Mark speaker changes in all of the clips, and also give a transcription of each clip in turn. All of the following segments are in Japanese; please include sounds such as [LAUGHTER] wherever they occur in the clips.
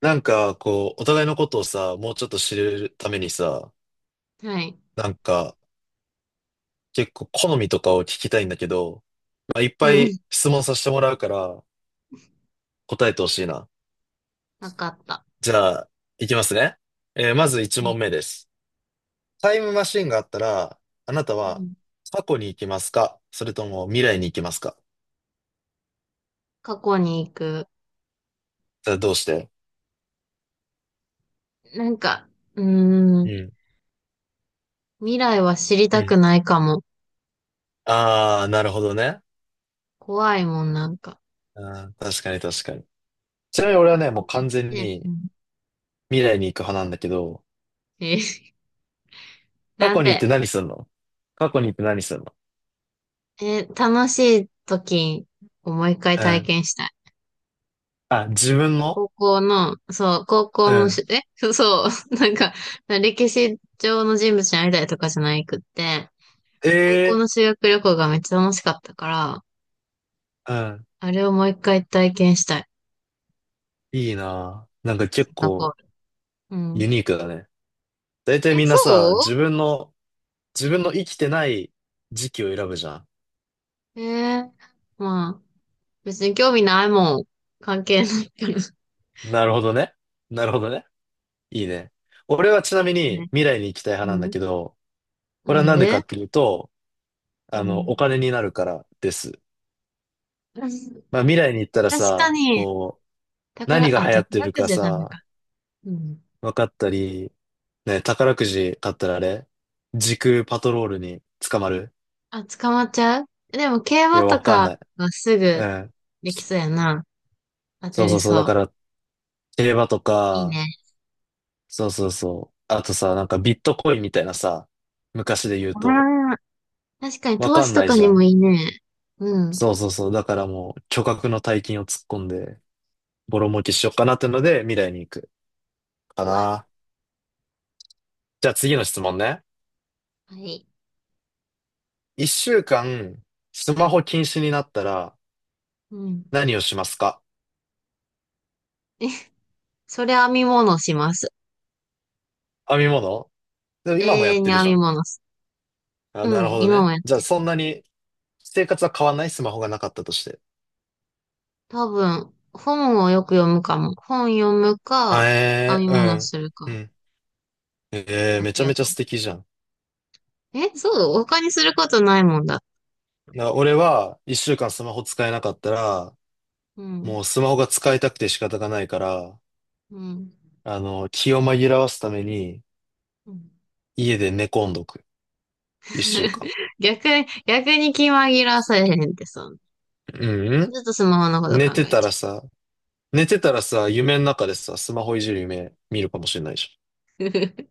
Speaker 1: なんか、こう、お互いのことをさ、もうちょっと知るためにさ、
Speaker 2: はい。
Speaker 1: なんか、結構好みとかを聞きたいんだけど、まあ、いっ
Speaker 2: う
Speaker 1: ぱい
Speaker 2: ん。
Speaker 1: 質問させてもらうから、答えてほしいな。
Speaker 2: なかった。
Speaker 1: じゃあ、いきますね。まず
Speaker 2: はい。
Speaker 1: 1問目です。タイムマシンがあったら、あなた
Speaker 2: う
Speaker 1: は
Speaker 2: ん。
Speaker 1: 過去に行きますか？それとも未来に行きますか？
Speaker 2: 過去に行く。
Speaker 1: それはどうして？
Speaker 2: なんか、うー
Speaker 1: う
Speaker 2: ん。
Speaker 1: ん。
Speaker 2: 未来は知り
Speaker 1: う
Speaker 2: たく
Speaker 1: ん。
Speaker 2: ないかも。
Speaker 1: あー、なるほどね。
Speaker 2: 怖いもん、
Speaker 1: あー確かに確かに。ちなみに俺
Speaker 2: 過
Speaker 1: はね、
Speaker 2: 去
Speaker 1: もう
Speaker 2: に
Speaker 1: 完全
Speaker 2: 行って、う
Speaker 1: に
Speaker 2: ん。
Speaker 1: 未来に行く派なんだけど、
Speaker 2: えー [LAUGHS]
Speaker 1: 過
Speaker 2: なん
Speaker 1: 去に行っ
Speaker 2: で、
Speaker 1: て何すんの？過去に行って何すんの？
Speaker 2: えー楽しい時をもう一回
Speaker 1: う
Speaker 2: 体
Speaker 1: ん。
Speaker 2: 験したい。
Speaker 1: あ、自分の。
Speaker 2: 高校の、そう、高校
Speaker 1: う
Speaker 2: の
Speaker 1: ん。
Speaker 2: し、え、そう、[LAUGHS] 歴史上の人物に会いたいとかじゃないくって、高校
Speaker 1: ええ。
Speaker 2: の修学旅行がめっちゃ楽しかったから、
Speaker 1: うん。
Speaker 2: あれをもう一回体験したい。
Speaker 1: いいなぁ。なんか
Speaker 2: シ
Speaker 1: 結
Speaker 2: ンガポー
Speaker 1: 構
Speaker 2: ル。う
Speaker 1: ユ
Speaker 2: ん。
Speaker 1: ニークだね。大体
Speaker 2: え、
Speaker 1: みん
Speaker 2: そ
Speaker 1: なさ、自分の、自分の生きてない時期を選ぶじゃん。
Speaker 2: うえー、まあ、別に興味ないもん。関係ないから。
Speaker 1: なるほどね。なるほどね。いいね。俺はちなみに
Speaker 2: ね。
Speaker 1: 未来に行きたい派なん
Speaker 2: う
Speaker 1: だ
Speaker 2: ん。
Speaker 1: けど、
Speaker 2: な
Speaker 1: これ
Speaker 2: ん
Speaker 1: はなんでか
Speaker 2: で。
Speaker 1: っていうと、
Speaker 2: う
Speaker 1: あの、お
Speaker 2: ん。
Speaker 1: 金になるからです。
Speaker 2: 確
Speaker 1: まあ未来に行ったら
Speaker 2: か
Speaker 1: さ、
Speaker 2: に、
Speaker 1: こう、何が流行って
Speaker 2: 宝
Speaker 1: る
Speaker 2: く
Speaker 1: か
Speaker 2: じはダメか。
Speaker 1: さ、
Speaker 2: うん。
Speaker 1: 分かったり、ね、宝くじ買ったらあれ時空パトロールに捕まる。
Speaker 2: あ、捕まっちゃう。でも、競
Speaker 1: い
Speaker 2: 馬
Speaker 1: や、
Speaker 2: と
Speaker 1: わかん
Speaker 2: か
Speaker 1: ない。
Speaker 2: はす
Speaker 1: う
Speaker 2: ぐ
Speaker 1: ん。
Speaker 2: できそうやな。当
Speaker 1: そ
Speaker 2: て
Speaker 1: うそ
Speaker 2: れ
Speaker 1: うそう。だ
Speaker 2: そ
Speaker 1: か
Speaker 2: う。
Speaker 1: ら、競馬と
Speaker 2: いい
Speaker 1: か、
Speaker 2: ね。
Speaker 1: そうそうそう。あとさ、なんかビットコインみたいなさ、昔で言うと、
Speaker 2: ああ、確かに
Speaker 1: わ
Speaker 2: 投
Speaker 1: か
Speaker 2: 資
Speaker 1: ん
Speaker 2: と
Speaker 1: ない
Speaker 2: か
Speaker 1: じ
Speaker 2: に
Speaker 1: ゃ
Speaker 2: も
Speaker 1: ん。
Speaker 2: いいね。うん。
Speaker 1: そうそうそう。だからもう、巨額の大金を突っ込んで、ボロ儲けしようかなってので、未来に行くか
Speaker 2: うわ、
Speaker 1: な。じゃあ次の質問ね。
Speaker 2: はい。
Speaker 1: 一週間、スマホ禁止になったら、
Speaker 2: うん。
Speaker 1: 何をしますか？
Speaker 2: え、それ編み物します。
Speaker 1: 編み物。でも
Speaker 2: 永
Speaker 1: 今もやっ
Speaker 2: 遠
Speaker 1: て
Speaker 2: に
Speaker 1: る
Speaker 2: 編
Speaker 1: じゃ
Speaker 2: み
Speaker 1: ん。
Speaker 2: 物す。
Speaker 1: あ、
Speaker 2: う
Speaker 1: なる
Speaker 2: ん、
Speaker 1: ほど
Speaker 2: 今も
Speaker 1: ね。
Speaker 2: やっ
Speaker 1: じゃあそんなに生活は変わんない。スマホがなかったとして。
Speaker 2: 多分、本をよく読むかも。本読む
Speaker 1: あ
Speaker 2: か、編
Speaker 1: え
Speaker 2: み物
Speaker 1: ー、
Speaker 2: する
Speaker 1: う
Speaker 2: か、
Speaker 1: ん。うん。
Speaker 2: だ
Speaker 1: め
Speaker 2: け
Speaker 1: ちゃ
Speaker 2: や
Speaker 1: めちゃ
Speaker 2: と。
Speaker 1: 素敵じゃん。
Speaker 2: え、そう、他にすることないもんだ。
Speaker 1: 俺は一週間スマホ使えなかったら、
Speaker 2: うん、
Speaker 1: もうスマホが使いたくて仕方がないから、
Speaker 2: うん、
Speaker 1: あの、気を紛らわすために
Speaker 2: うん。
Speaker 1: 家で寝込んどく。一週間。
Speaker 2: [LAUGHS]。逆に、逆に気紛らわされへんってさ。
Speaker 1: う
Speaker 2: ち
Speaker 1: ん。
Speaker 2: ょっとスマホのこと考
Speaker 1: 寝て
Speaker 2: え
Speaker 1: たら
Speaker 2: ち
Speaker 1: さ、寝てたらさ、夢の中でさ、スマホいじる夢見るかもしれないじゃん。
Speaker 2: ゃう。[LAUGHS]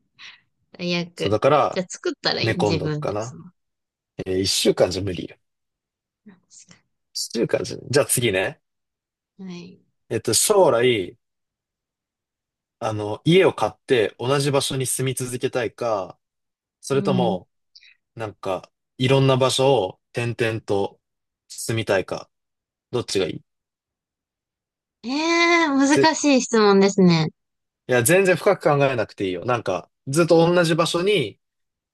Speaker 2: 最
Speaker 1: そう、
Speaker 2: 悪。
Speaker 1: だか
Speaker 2: じゃ
Speaker 1: ら
Speaker 2: あ作ったらいい
Speaker 1: 寝
Speaker 2: の
Speaker 1: 込ん
Speaker 2: 自
Speaker 1: どく
Speaker 2: 分
Speaker 1: か
Speaker 2: で、ス
Speaker 1: な。
Speaker 2: マホ。
Speaker 1: 一週間じゃ無理よ。中華人。じゃあ次ね。
Speaker 2: はい。
Speaker 1: 将来、あの、家を買って同じ場所に住み続けたいか、そ
Speaker 2: う
Speaker 1: れと
Speaker 2: ん。
Speaker 1: も、なんか、いろんな場所を転々と住みたいか、どっちがいい？
Speaker 2: えー、
Speaker 1: ぜ、
Speaker 2: 難しい質問ですね。
Speaker 1: いや、全然深く考えなくていいよ。なんか、ずっと同じ場所に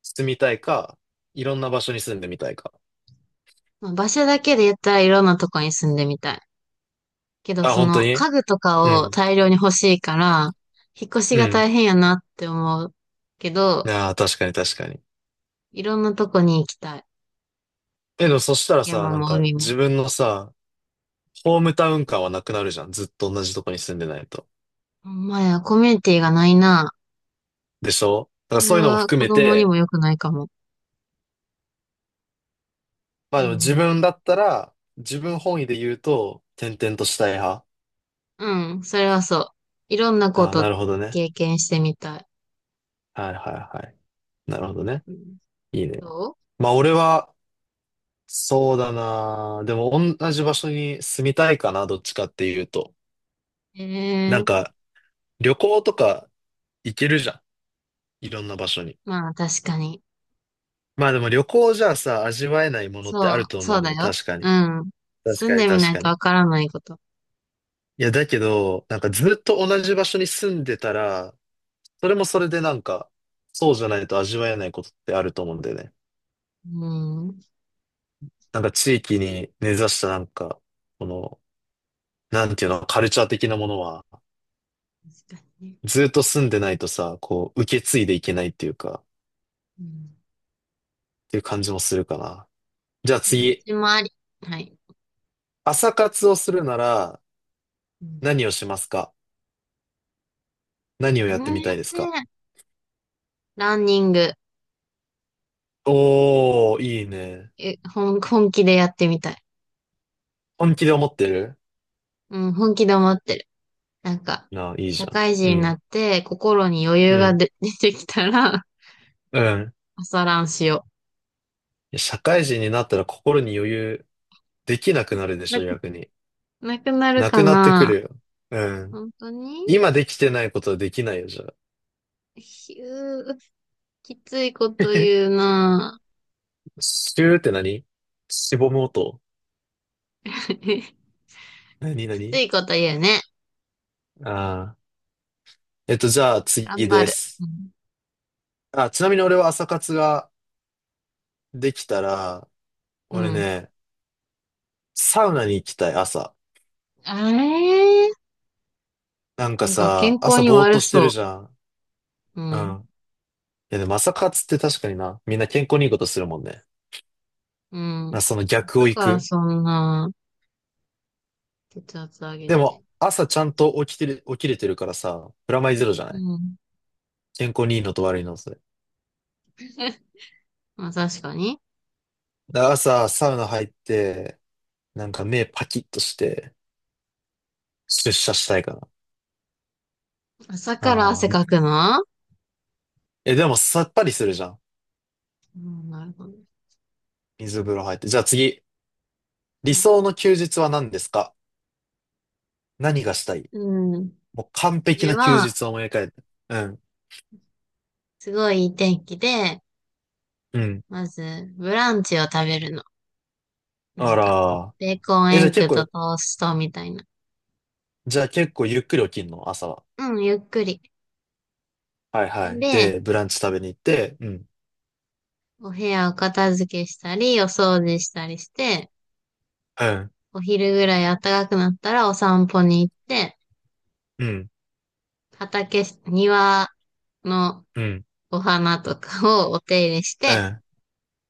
Speaker 1: 住みたいか、いろんな場所に住んでみたいか。
Speaker 2: まあ場所だけで言ったらいろんなとこに住んでみたい。けど、
Speaker 1: あ、
Speaker 2: そ
Speaker 1: 本当
Speaker 2: の
Speaker 1: に？
Speaker 2: 家具と
Speaker 1: う
Speaker 2: かを
Speaker 1: ん。
Speaker 2: 大量に欲しいから、引っ越し
Speaker 1: う
Speaker 2: が
Speaker 1: ん。
Speaker 2: 大変やなって思うけど、
Speaker 1: ああ、確かに確かに。
Speaker 2: いろんなとこに行きたい。
Speaker 1: え、でもそしたらさ、
Speaker 2: 山
Speaker 1: なん
Speaker 2: も
Speaker 1: か、
Speaker 2: 海も。
Speaker 1: 自分のさ、ホームタウン感はなくなるじゃん。ずっと同じとこに住んでないと。
Speaker 2: ほんまや、コミュニティがないな。
Speaker 1: でしょ？だから
Speaker 2: それ
Speaker 1: そういうのも
Speaker 2: は
Speaker 1: 含
Speaker 2: 子
Speaker 1: め
Speaker 2: 供に
Speaker 1: て、
Speaker 2: も良くないかも。
Speaker 1: まあ
Speaker 2: う
Speaker 1: でも自
Speaker 2: ん。
Speaker 1: 分だったら、自分本位で言うと、転々としたい派。
Speaker 2: うん、それはそう。いろんなこ
Speaker 1: ああ、
Speaker 2: と
Speaker 1: なるほどね。
Speaker 2: 経験してみたい。
Speaker 1: はいはいはい。なるほどね。
Speaker 2: うん。
Speaker 1: いいね。
Speaker 2: どう。
Speaker 1: まあ俺は、そうだな。でも同じ場所に住みたいかな、どっちかっていうと。
Speaker 2: ええ
Speaker 1: なん
Speaker 2: ー。
Speaker 1: か、旅行とか行けるじゃん。いろんな場所に。
Speaker 2: まあ確かに。
Speaker 1: まあでも旅行じゃさ、味わえないものってあ
Speaker 2: そう、
Speaker 1: ると
Speaker 2: そ
Speaker 1: 思う
Speaker 2: う
Speaker 1: の
Speaker 2: だ
Speaker 1: よ。
Speaker 2: よ。
Speaker 1: 確か
Speaker 2: う
Speaker 1: に。
Speaker 2: ん。
Speaker 1: 確
Speaker 2: 住ん
Speaker 1: かに
Speaker 2: でみな
Speaker 1: 確
Speaker 2: い
Speaker 1: か
Speaker 2: と
Speaker 1: に。
Speaker 2: わからないこと。
Speaker 1: いや、だけど、なんかずっと同じ場所に住んでたら、それもそれでなんか、そうじゃないと味わえないことってあると思うんだよね。
Speaker 2: うん。
Speaker 1: なんか地域に根ざしたなんか、この、なんていうの、カルチャー的なものは、
Speaker 2: 確かにね。
Speaker 1: ずっと住んでないとさ、こう、受け継いでいけないっていうか、
Speaker 2: うん。
Speaker 1: っていう感じもするかな。じゃあ
Speaker 2: どっ
Speaker 1: 次、
Speaker 2: ちもあり。はい。
Speaker 1: 朝活をするなら、
Speaker 2: うん。
Speaker 1: 何をしますか？何をやってみ
Speaker 2: ね。え、
Speaker 1: たいですか？
Speaker 2: ランニング。
Speaker 1: おー、いいね。
Speaker 2: え、本気でやってみたい。
Speaker 1: 本気で思ってる？
Speaker 2: うん、本気で思ってる。なんか、
Speaker 1: なあ、いいじ
Speaker 2: 社
Speaker 1: ゃん。
Speaker 2: 会人
Speaker 1: う
Speaker 2: にな
Speaker 1: ん。
Speaker 2: って心に余
Speaker 1: う
Speaker 2: 裕が
Speaker 1: ん。
Speaker 2: で [LAUGHS] 出てきたら、
Speaker 1: うん。
Speaker 2: 朝ランしよ
Speaker 1: いや社会人になったら心に余裕できなくなるで
Speaker 2: う。
Speaker 1: しょ、逆に。
Speaker 2: なくなる
Speaker 1: な
Speaker 2: か
Speaker 1: くなってく
Speaker 2: な。
Speaker 1: るよ。うん。
Speaker 2: 本当に。
Speaker 1: 今できてないことはできないよ、じゃあ。
Speaker 2: ひゅー、きついこと言う
Speaker 1: [LAUGHS]
Speaker 2: な。
Speaker 1: シューって何？しぼむ音。
Speaker 2: [LAUGHS] き
Speaker 1: 何？
Speaker 2: つ
Speaker 1: 何？
Speaker 2: いこと言うね。
Speaker 1: ああー。じゃあ次
Speaker 2: 頑張
Speaker 1: で
Speaker 2: る。
Speaker 1: す。あ、ちなみに俺は朝活ができたら、
Speaker 2: うん。
Speaker 1: 俺
Speaker 2: うん。
Speaker 1: ね、サウナに行きたい、朝。
Speaker 2: あれー、
Speaker 1: なん
Speaker 2: な
Speaker 1: か
Speaker 2: んか
Speaker 1: さ、
Speaker 2: 健康
Speaker 1: 朝
Speaker 2: に
Speaker 1: ぼーっと
Speaker 2: 悪
Speaker 1: してる
Speaker 2: そ
Speaker 1: じゃん。
Speaker 2: う。う
Speaker 1: う
Speaker 2: ん。
Speaker 1: ん。いや、でも朝活って確かにな、みんな健康にいいことするもんね。
Speaker 2: う
Speaker 1: まあ、
Speaker 2: ん。
Speaker 1: その逆
Speaker 2: だ
Speaker 1: を行
Speaker 2: から
Speaker 1: く。
Speaker 2: そんな、血圧上げ
Speaker 1: でも、
Speaker 2: て。
Speaker 1: 朝ちゃんと起きてる、起きれてるからさ、プラマイゼロじゃ
Speaker 2: う
Speaker 1: ない？
Speaker 2: ん。
Speaker 1: 健康にいいのと悪いの、それ。
Speaker 2: [LAUGHS] まあ確かに。
Speaker 1: だから朝、サウナ入って、なんか目パキッとして、出社したいかな。
Speaker 2: 朝
Speaker 1: あ
Speaker 2: から汗
Speaker 1: ー
Speaker 2: かくの。
Speaker 1: え、でもさっぱりするじゃん。
Speaker 2: うん、なるほど。
Speaker 1: 水風呂入って。じゃあ次、理
Speaker 2: はい。
Speaker 1: 想の休日は何ですか？何がしたい？
Speaker 2: うん。
Speaker 1: もう完
Speaker 2: で
Speaker 1: 璧
Speaker 2: れ
Speaker 1: な休
Speaker 2: は、
Speaker 1: 日を思い浮かべて。うん。
Speaker 2: すごいいい天気で、
Speaker 1: うん。
Speaker 2: まず、ブランチを食べるの。な
Speaker 1: あ
Speaker 2: んか、
Speaker 1: ら、
Speaker 2: ベーコン
Speaker 1: え、じ
Speaker 2: エ
Speaker 1: ゃあ
Speaker 2: ッ
Speaker 1: 結
Speaker 2: グと
Speaker 1: 構、
Speaker 2: トーストみたいな。
Speaker 1: じゃあ結構ゆっくり起きんの、朝は？
Speaker 2: うん、ゆっくり。
Speaker 1: はいはい。
Speaker 2: で、
Speaker 1: で、ブランチ食べに行って、うん。
Speaker 2: お部屋を片付けしたり、お掃除したりして、
Speaker 1: うん。
Speaker 2: お昼ぐらい暖かくなったらお散歩に行って、
Speaker 1: うん。
Speaker 2: 庭の
Speaker 1: うん。
Speaker 2: お花とかをお手入れし
Speaker 1: う
Speaker 2: て、
Speaker 1: ん。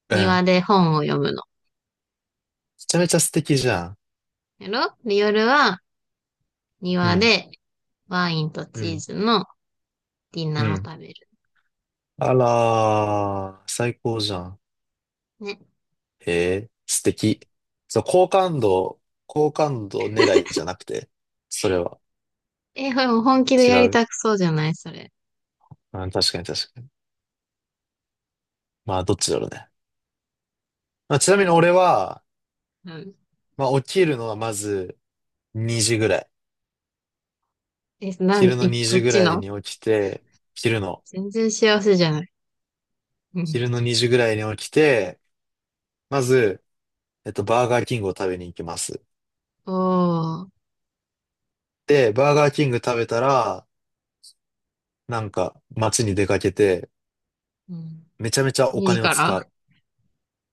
Speaker 1: う
Speaker 2: 庭
Speaker 1: ん。
Speaker 2: で本を読むの。
Speaker 1: めちゃめちゃ素敵じゃん。
Speaker 2: やろ。で、夜は
Speaker 1: う
Speaker 2: 庭
Speaker 1: ん。
Speaker 2: でワインと
Speaker 1: う
Speaker 2: チー
Speaker 1: ん。
Speaker 2: ズのディ
Speaker 1: う
Speaker 2: ナーを
Speaker 1: ん。
Speaker 2: 食べる。
Speaker 1: あらー、最高じゃん。
Speaker 2: ね。
Speaker 1: へえ、素敵。そう、好感度、好感度狙いじゃなくて、それは
Speaker 2: え、これも本気で
Speaker 1: 違
Speaker 2: やり
Speaker 1: う。
Speaker 2: たくそうじゃないそれ。
Speaker 1: うん、確かに確かに。まあ、どっちだろうね。まあ、ちなみに俺は、
Speaker 2: うん。
Speaker 1: まあ、起きるのはまず2時ぐらい。
Speaker 2: え、な
Speaker 1: 昼
Speaker 2: ん、
Speaker 1: の
Speaker 2: え、
Speaker 1: 2
Speaker 2: ど
Speaker 1: 時
Speaker 2: っ
Speaker 1: ぐ
Speaker 2: ち
Speaker 1: らい
Speaker 2: の。
Speaker 1: に起きて、昼の、
Speaker 2: 全然幸せじゃない。うん。
Speaker 1: 昼の2時ぐらいに起きて、まず、バーガーキングを食べに行きます。
Speaker 2: おー。
Speaker 1: で、バーガーキング食べたら、なんか、街に出かけて、
Speaker 2: うん。
Speaker 1: めちゃめちゃお
Speaker 2: 2時
Speaker 1: 金を
Speaker 2: から。
Speaker 1: 使う。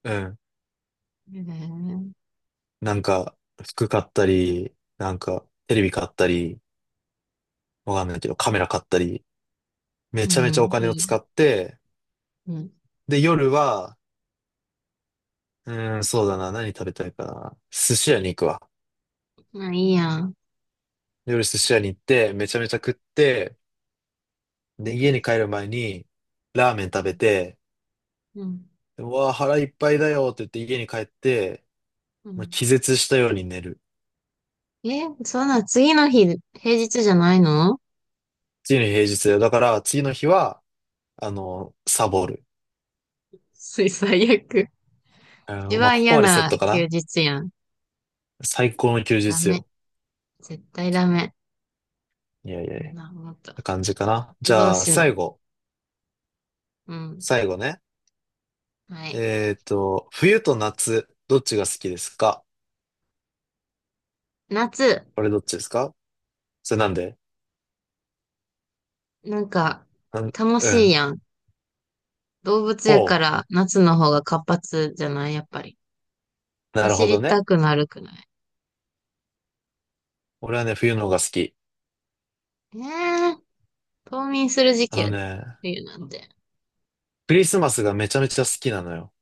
Speaker 1: うん。
Speaker 2: えー、
Speaker 1: なんか、服買ったり、なんか、テレビ買ったり、わかんないけど、カメラ買ったり、め
Speaker 2: う
Speaker 1: ちゃめちゃお
Speaker 2: ん。
Speaker 1: 金
Speaker 2: い
Speaker 1: を
Speaker 2: いや。
Speaker 1: 使って、
Speaker 2: うん。
Speaker 1: で、夜は、うーん、そうだな、何食べたいかな。寿司屋に行くわ。
Speaker 2: まあ、いいやん。
Speaker 1: 夜寿司屋に行って、めちゃめちゃ食って、で、家に帰る前に、ラーメン食べて、
Speaker 2: うん。
Speaker 1: うわあ、腹いっぱいだよって言って家に帰って、
Speaker 2: う
Speaker 1: もう
Speaker 2: ん。
Speaker 1: 気絶したように寝る。
Speaker 2: え、そんな、次の日、平日じゃないの。
Speaker 1: 次の日平日だよ。だから、次の日は、あの、サボる。
Speaker 2: す最悪。
Speaker 1: あ
Speaker 2: 一
Speaker 1: のまあ、
Speaker 2: 番
Speaker 1: ここ
Speaker 2: 嫌
Speaker 1: までセッ
Speaker 2: な
Speaker 1: トか
Speaker 2: 休
Speaker 1: な。
Speaker 2: 日やん。
Speaker 1: 最高の休
Speaker 2: ダ
Speaker 1: 日
Speaker 2: メ。
Speaker 1: よ。
Speaker 2: 絶対ダメ。
Speaker 1: いやいやい
Speaker 2: そんな、
Speaker 1: や。
Speaker 2: もっと。
Speaker 1: 感じかな。じ
Speaker 2: どう
Speaker 1: ゃあ、
Speaker 2: しな。
Speaker 1: 最後。
Speaker 2: うん。
Speaker 1: 最後ね。
Speaker 2: はい。
Speaker 1: 冬と夏、どっちが好きですか？
Speaker 2: 夏、
Speaker 1: これどっちですか？それなんで？
Speaker 2: なんか、
Speaker 1: なん
Speaker 2: 楽
Speaker 1: う
Speaker 2: しい
Speaker 1: ん。
Speaker 2: やん。動物
Speaker 1: ほ
Speaker 2: やから、夏の方が活発じゃないやっぱり。
Speaker 1: う。なる
Speaker 2: 走
Speaker 1: ほど
Speaker 2: りた
Speaker 1: ね。
Speaker 2: くなるくない。
Speaker 1: 俺はね、冬の方が好き。
Speaker 2: ええー、冬眠する時
Speaker 1: あ
Speaker 2: 期
Speaker 1: の
Speaker 2: やで。
Speaker 1: ね、
Speaker 2: 冬なんて。
Speaker 1: クリスマスがめちゃめちゃ好きなのよ。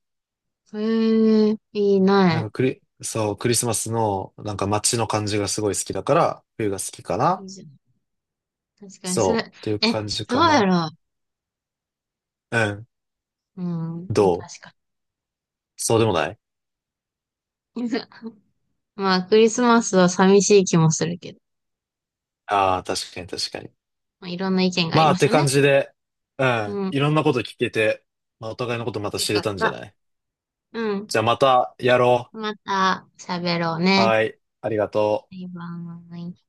Speaker 2: へえ、いい
Speaker 1: なん
Speaker 2: な。
Speaker 1: かそう、クリスマスの、なんか街の感じがすごい好きだから、冬が好きか
Speaker 2: い
Speaker 1: な。
Speaker 2: いじゃん。確かに、そ
Speaker 1: そ
Speaker 2: れ、
Speaker 1: う、っていう
Speaker 2: え、
Speaker 1: 感じ
Speaker 2: どう
Speaker 1: か
Speaker 2: や
Speaker 1: な。
Speaker 2: ろ
Speaker 1: うん。
Speaker 2: う。
Speaker 1: ど
Speaker 2: うん、
Speaker 1: う？
Speaker 2: 確か
Speaker 1: そうでもない？
Speaker 2: に。[LAUGHS] まあ、クリスマスは寂しい気もするけど。
Speaker 1: ああー、確かに確かに。
Speaker 2: まあ、いろんな意見があり
Speaker 1: まあ、
Speaker 2: ま
Speaker 1: っ
Speaker 2: す
Speaker 1: て
Speaker 2: よ
Speaker 1: 感
Speaker 2: ね。
Speaker 1: じで、うん。
Speaker 2: うん。
Speaker 1: いろんなこと聞けて、まあ、お互いのことまた
Speaker 2: よ
Speaker 1: 知
Speaker 2: か
Speaker 1: れ
Speaker 2: っ
Speaker 1: たんじゃ
Speaker 2: た。
Speaker 1: ない？
Speaker 2: う
Speaker 1: じ
Speaker 2: ん。
Speaker 1: ゃあまたやろ
Speaker 2: また喋ろう
Speaker 1: う。
Speaker 2: ね。
Speaker 1: はい。ありがとう。
Speaker 2: バイバイ。